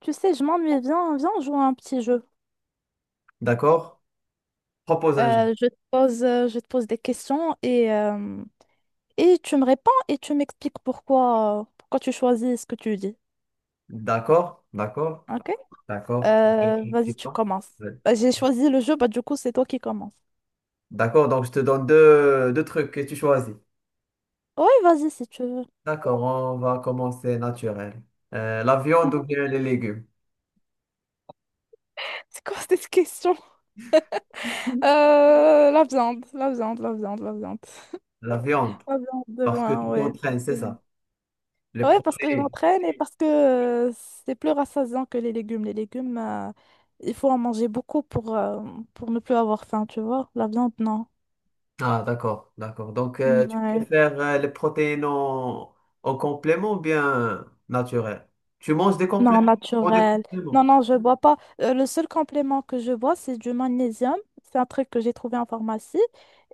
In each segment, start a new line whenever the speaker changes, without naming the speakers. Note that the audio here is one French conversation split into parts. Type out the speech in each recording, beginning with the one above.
Tu sais, je m'ennuie. Viens, viens, on joue à un petit jeu.
D'accord? Propose un jeu.
Je te pose, je te pose des questions et tu me réponds et tu m'expliques pourquoi, pourquoi tu choisis ce que tu dis.
D'accord? D'accord?
Ok?
D'accord. Je vais être
Vas-y, tu
excitant.
commences.
Ouais.
Bah, j'ai choisi le jeu, bah du coup, c'est toi qui commences.
D'accord, donc je te donne deux trucs et tu choisis.
Oui, vas-y, si tu veux.
D'accord, on va commencer naturel. La viande ou
Mhm.
bien les légumes?
C'est quoi cette question? La viande, la viande, la viande, la viande.
La viande,
La viande de
parce que
loin,
tu
ouais.
t'entraînes, c'est ça? Les
Ouais, parce que je
protéines.
m'entraîne et parce que euh, c'est plus rassasiant que les légumes. Les légumes, il faut en manger beaucoup pour ne plus avoir faim, tu vois. La viande, non.
Ah, d'accord, d'accord. Donc,
Mm,
tu
ouais.
préfères les protéines en complément ou bien naturel? Tu manges des compléments?
Non,
Tu prends des
naturel. Non,
compléments.
non, je bois pas. Le seul complément que je bois, c'est du magnésium. C'est un truc que j'ai trouvé en pharmacie.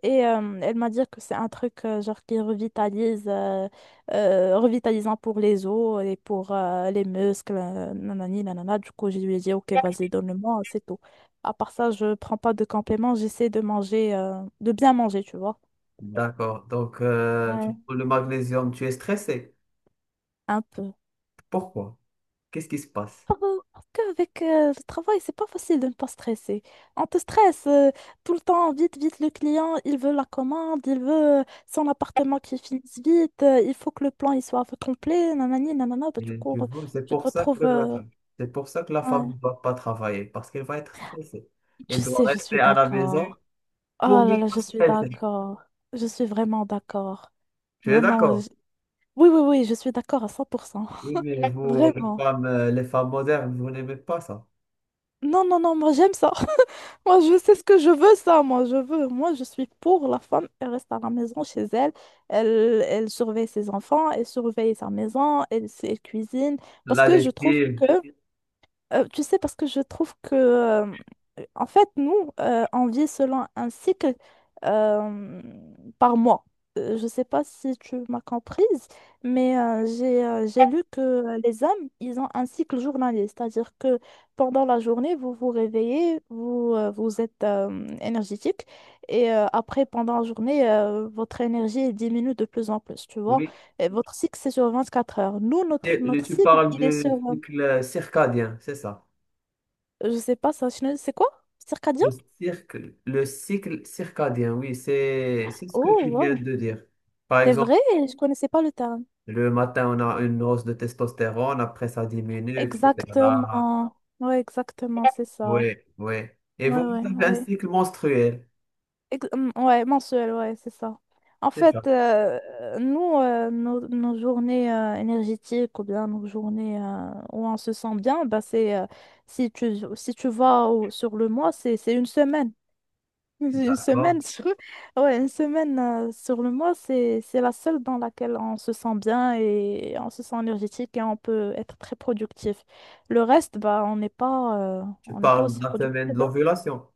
Et elle m'a dit que c'est un truc genre qui revitalise, revitalisant pour les os et pour les muscles. Nanani, nanana. Du coup, je lui ai dit, OK, vas-y, donne-le-moi, c'est tout. À part ça, je prends pas de compléments. J'essaie de manger, de bien manger, tu vois.
D'accord, donc tu
Ouais.
prends le magnésium, tu es stressé.
Un peu.
Pourquoi? Qu'est-ce qui se passe?
Ah, parce qu'avec le travail, c'est pas facile de ne pas stresser. On te stresse tout le temps, vite, vite, le client, il veut la commande, il veut son appartement qui finisse vite, il faut que le plan il soit complet, nanani, nanana, bah, du
Mhm.
coup,
Tu vois, c'est
tu te
pour ça que
retrouves...
c'est pour ça que la femme
ouais.
ne va pas travailler, parce qu'elle va être stressée.
Tu
Elle doit
sais, je
rester
suis
à la
d'accord.
maison
Oh
pour ne
là là,
pas
je suis
stresser.
d'accord. Je suis vraiment d'accord.
Tu es
Vraiment,
d'accord?
oui, oui, oui, je suis d'accord à 100%.
Oui, mais vous,
Vraiment.
les femmes modernes, vous n'aimez pas ça.
Non, non, non, moi j'aime ça. Moi je sais ce que je veux, ça. Moi je veux. Moi je suis pour la femme. Elle reste à la maison chez elle. Elle, elle surveille ses enfants, elle surveille sa maison, elle, elle cuisine. Parce
La
que je trouve
lessive,
que, tu sais, parce que je trouve que, en fait, nous, on vit selon un cycle euh, par mois. Je ne sais pas si tu m'as comprise, mais j'ai lu que les hommes, ils ont un cycle journalier, c'est-à-dire que pendant la journée, vous vous réveillez, vous êtes énergétique, et après, pendant la journée, votre énergie diminue de plus en plus, tu vois.
oui.
Et votre cycle, c'est sur 24 heures. Nous, notre,
Et le-
notre
Tu
cycle,
parles
il est sur
du cycle circadien, c'est ça.
je sais pas, ça, je ne- c'est quoi? Circadien?
Le cirque, le cycle circadien, oui, c'est ce que
Oh,
tu viens
wow.
de dire. Par
C'est vrai,
exemple,
je connaissais pas le terme.
le matin, on a une hausse de testostérone, après ça diminue, etc.
Exactement. Ouais, exactement, c'est ça.
Oui, oui. Et
Ouais,
vous,
ouais,
vous avez un
ouais.
cycle menstruel.
Ouais, mensuel, ouais, c'est ça. En
C'est ça,
fait, nous, nos journées énergétiques ou bien nos journées où on se sent bien, bah c'est si tu, si tu sur le mois, c'est une semaine. Une
d'accord.
semaine sur... Ouais, une semaine sur le mois, c'est la seule dans laquelle on se sent bien et on se sent énergétique et on peut être très productif. Le reste, bah,
Tu
on n'est pas
parles
aussi
de la semaine
productif.
de
Hein.
l'ovulation.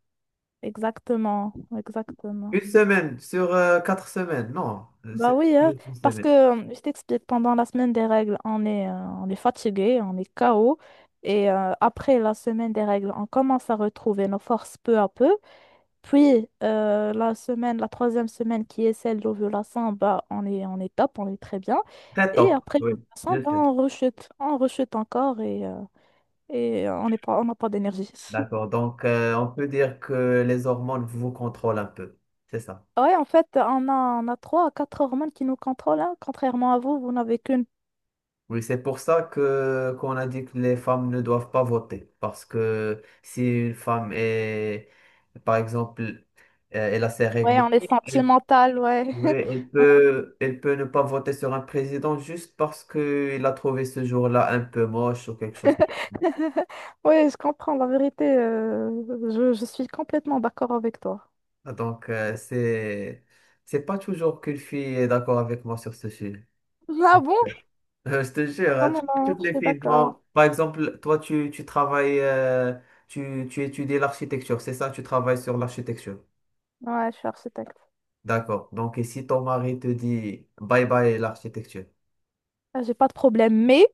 Exactement, exactement.
Une semaine sur 4 semaines. Non,
Bah
c'est
oui, hein,
plus qu'une
parce
semaine.
que je t'explique, pendant la semaine des règles, on est fatigué, on est KO. Et après la semaine des règles, on commence à retrouver nos forces peu à peu. Puis la semaine, la troisième semaine qui est celle d'ovulation, bah, on est top, on est très bien.
Très
Et
tôt.
après
Oui,
l'ovulation,
je
bah,
sais.
on rechute encore et et on n'est pas, on n'a pas d'énergie.
D'accord. Donc, on peut dire que les hormones vous contrôlent un peu. C'est ça.
Ouais, en fait, on a trois à quatre hormones qui nous contrôlent, hein. Contrairement à vous, vous n'avez qu'une.
Oui, c'est pour ça que qu'on a dit que les femmes ne doivent pas voter. Parce que si une femme est, par exemple, elle a ses
Ouais,
règles,
on est
elle,
sentimental, ouais.
oui, elle peut ne pas voter sur un président juste parce qu'il a trouvé ce jour-là un peu moche ou quelque chose.
Ouais, je comprends, la vérité, je suis complètement d'accord avec toi.
Donc, c'est pas toujours qu'une fille est d'accord avec moi sur ce sujet.
Ah bon?
Je te jure,
Non,
hein,
non, non,
toutes
je
les
suis
filles
d'accord.
non. Par exemple, toi, tu travailles, tu étudies l'architecture, c'est ça, tu travailles sur l'architecture.
Ouais, je suis architecte.
D'accord. Donc, et si ton mari te dit bye bye l'architecture,
Ah, j'ai pas de problème, mais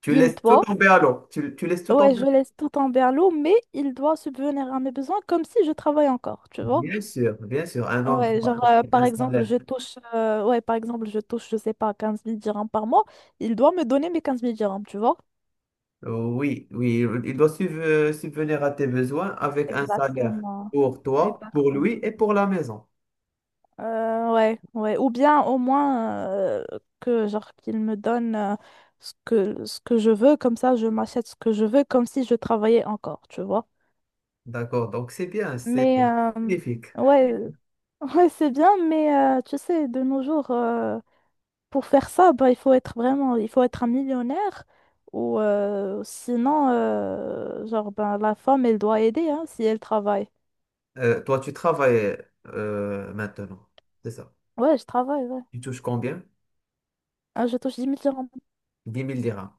tu
il
laisses tout
doit,
tomber à l'eau. Tu laisses tout
ouais,
tomber.
je laisse tout en berlot, mais il doit subvenir à mes besoins comme si je travaille encore, tu vois.
Bien sûr, bien sûr. Un homme qui
Ouais,
doit
genre,
porter un
par exemple,
salaire.
ouais, par exemple, je touche, je sais pas, 15 000 dirhams par mois, il doit me donner mes 15 000 dirhams, tu vois.
Oui, oui, il doit subvenir à tes besoins avec un salaire
Exactement.
pour toi, pour lui
Exactement.
et pour la maison.
Ouais, ouais. Ou bien au moins que genre qu'il me donne ce que je veux, comme ça je m'achète ce que je veux, comme si je travaillais encore, tu vois.
D'accord. Donc, c'est bien, c'est
Mais euh,
magnifique.
ouais, Ouais, c'est bien, mais tu sais, de nos jours, pour faire ça, bah, il faut être vraiment, il faut être un millionnaire ou sinon, genre, ben, la femme, elle doit aider hein, si elle travaille.
Toi, tu travailles maintenant, c'est ça.
Ouais, je travaille, ouais.
Tu touches combien?
Ah, je touche 10 000 dirhams.
10 000 dirhams.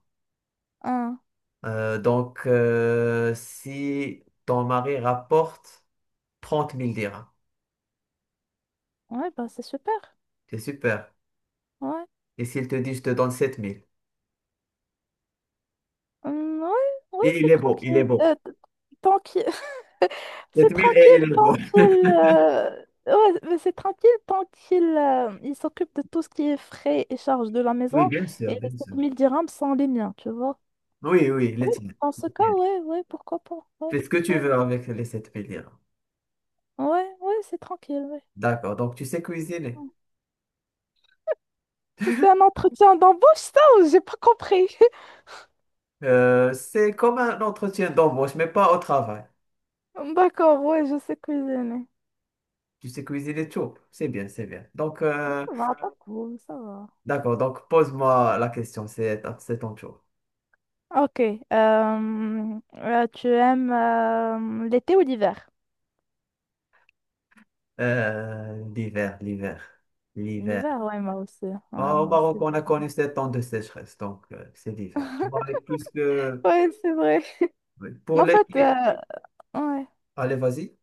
Ah,
Donc, si ton mari rapporte 30 000 dirhams,
ouais, bah, c'est super.
c'est super.
Ouais,
Et s'il te dit, je te donne 7 000.
hum, ouais, ouais,
Et il
c'est
est beau, il est
tranquille.
beau.
Tranquille. C'est
Sept mille
tranquille
et il est
tant
beau.
qu'il... ouais, mais c'est tranquille tant qu'il il s'occupe de tout ce qui est frais et charges de la
Oui,
maison.
bien
Et
sûr,
les
bien sûr.
7 000 dirhams sont les miens, tu vois.
Oui, oui, les
Oui,
tiens.
dans
Les
ce cas,
tiens.
ouais, ouais, pourquoi pas. Ouais,
Fais ce que tu
ouais,
veux avec les 7 000 dirhams.
ouais, ouais, c'est tranquille, ouais.
D'accord, donc tu sais cuisiner.
C'est un entretien d'embauche, ça, ou j'ai pas compris.
C'est comme un entretien d'embauche, mais pas au travail.
D'accord, ouais, je sais cuisiner.
Tu sais cuisiner tout. C'est bien, c'est bien. Donc,
Ça va, pas cool, ça va.
d'accord. Donc, pose-moi la question. C'est ton tour.
Ok, tu aimes l'été ou l'hiver?
L'hiver, l'hiver, l'hiver.
L'hiver, ouais, moi aussi. Ouais,
Au
moi
Maroc,
aussi.
on a connu 7 ans de sécheresse. Donc, c'est l'hiver. Bon, et puisque
Ouais, c'est vrai.
oui, pour
Mais en fait,
l'été,
ouais.
allez, vas-y.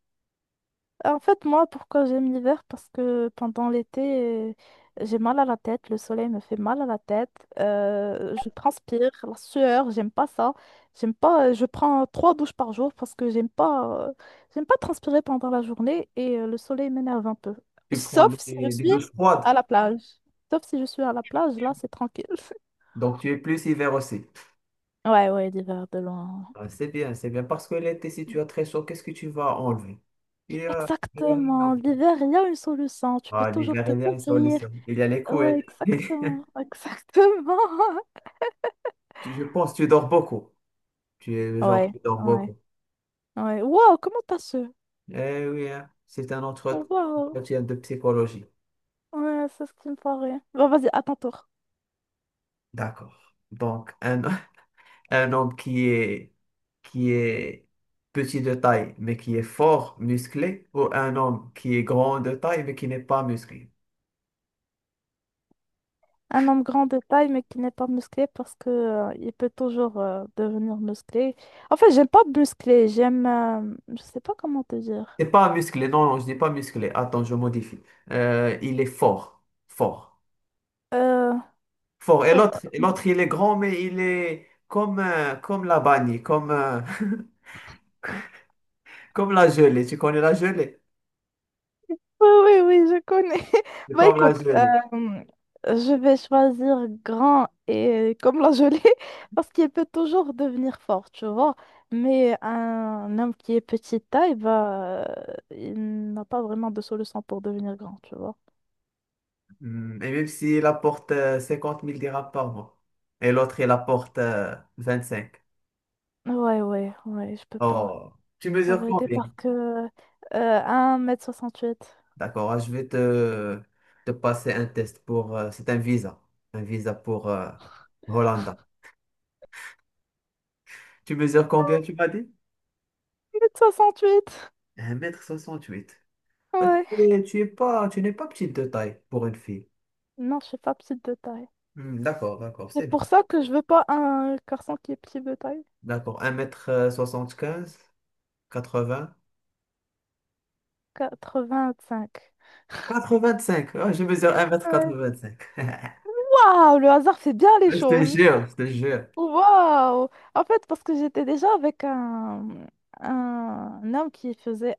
En fait, moi, pourquoi j'aime l'hiver? Parce que pendant l'été, euh, j'ai mal à la tête, le soleil me fait mal à la tête, je transpire, la sueur, j'aime pas ça. J'aime pas, je prends 3 douches par jour parce que j'aime pas transpirer pendant la journée et le soleil m'énerve un peu.
Tu prends
Sauf si je
des
suis
douches froides.
à la plage. Sauf si je suis à la plage, là, c'est tranquille.
Donc, tu es plus hiver aussi.
Ouais, ouais, l'hiver de loin.
Ah, c'est bien, c'est bien. Parce que l'été, si tu as très chaud, qu'est-ce que tu vas enlever? Non.
Exactement. L'hiver, il y a une solution. Tu peux
Ah,
toujours
l'hiver,
te
il y a une
couvrir.
solution. Il y a les
Ouais,
couettes.
exactement. Exactement.
Je pense que tu dors beaucoup. Tu es le genre
Ouais,
qui dort
ouais,
beaucoup.
ouais. Waouh, comment t'as su?
Eh oui, hein, c'est un autre
Waouh.
entretien de psychologie.
Ouais, c'est ce qui me paraît. Bon, vas-y, à ton tour.
D'accord. Donc, un homme qui est petit de taille, mais qui est fort, musclé, ou un homme qui est grand de taille, mais qui n'est pas musclé.
Un homme grand de taille, mais qui n'est pas musclé parce que il peut toujours devenir musclé. En fait, j'aime pas musclé. J'aime. Je sais pas comment te dire.
C'est pas musclé, non, non, je dis pas musclé. Attends, je modifie. Il est fort, fort,
Euh,
fort. Et
oh,
l'autre, et
euh,
l'autre, il est grand, mais il est comme, comme la banni, comme, comme la gelée. Tu connais la gelée?
Oui, oui, oui, je connais.
C'est
Bah
comme la
écoute,
gelée.
je vais choisir grand et comme la gelée parce qu'il peut toujours devenir fort, tu vois. Mais un homme qui est petite taille, bah, il n'a pas vraiment de solution pour devenir grand, tu vois.
Hmm, et même s'il apporte 50 000 dirhams par mois. Et l'autre, il apporte cinq.
Ouais, ouais, ouais, je peux pas.
Oh, tu
La
mesures
vérité,
combien?
parce que 1m68.
D'accord, ah, je vais te passer un test pour… c'est un visa. Un visa pour Hollande. Tu mesures combien, tu m'as dit?
Mètre soixante huit
1m68. Ah, Tu
ouais.
es- tu es pas, tu n'es pas petite de taille pour une fille.
Non, je suis pas petite de taille.
Hmm, d'accord, d'accord,
C'est
c'est bien.
pour ça que je veux pas un garçon qui est petit de taille.
D'accord, 1m75, quatre m quatre
Quatre-vingt-cinq.
quatre-vingt-cinq. Oh, je mesure un mètre
Ouais.
quatre-vingt-cinq.
Waouh, le hasard fait bien les
Je te
choses.
jure, je te jure.
Waouh. En fait, parce que j'étais déjà avec un homme qui faisait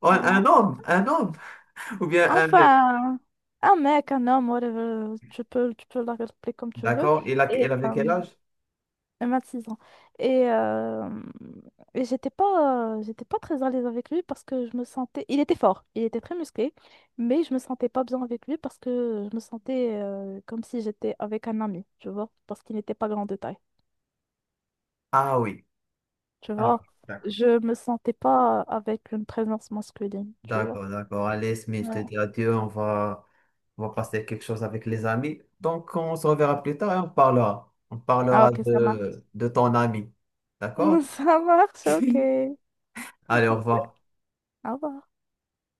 Oh, un homme ou bien un mec.
Enfin, un mec, un homme, whatever, tu peux l'appeler comme tu veux.
D'accord, il a,
Et
il avait quel âge?
26 ans. Et, euh, et j'étais pas très à l'aise avec lui parce que je me sentais. Il était fort, il était très musclé, mais je me sentais pas bien avec lui parce que je me sentais comme si j'étais avec un ami, tu vois, parce qu'il n'était pas grand de taille,
Ah oui.
tu
Ah,
vois. Je me sentais pas avec une présence masculine, tu vois.
d'accord, d'accord. Allez, Smith, je te
Ouais.
dis adieu. On va passer quelque chose avec les amis. Donc, on se reverra plus tard et on parlera. On
Ah,
parlera
ok, ça marche.
de ton ami. D'accord?
Ça marche, ok.
Allez, au revoir.
Au revoir.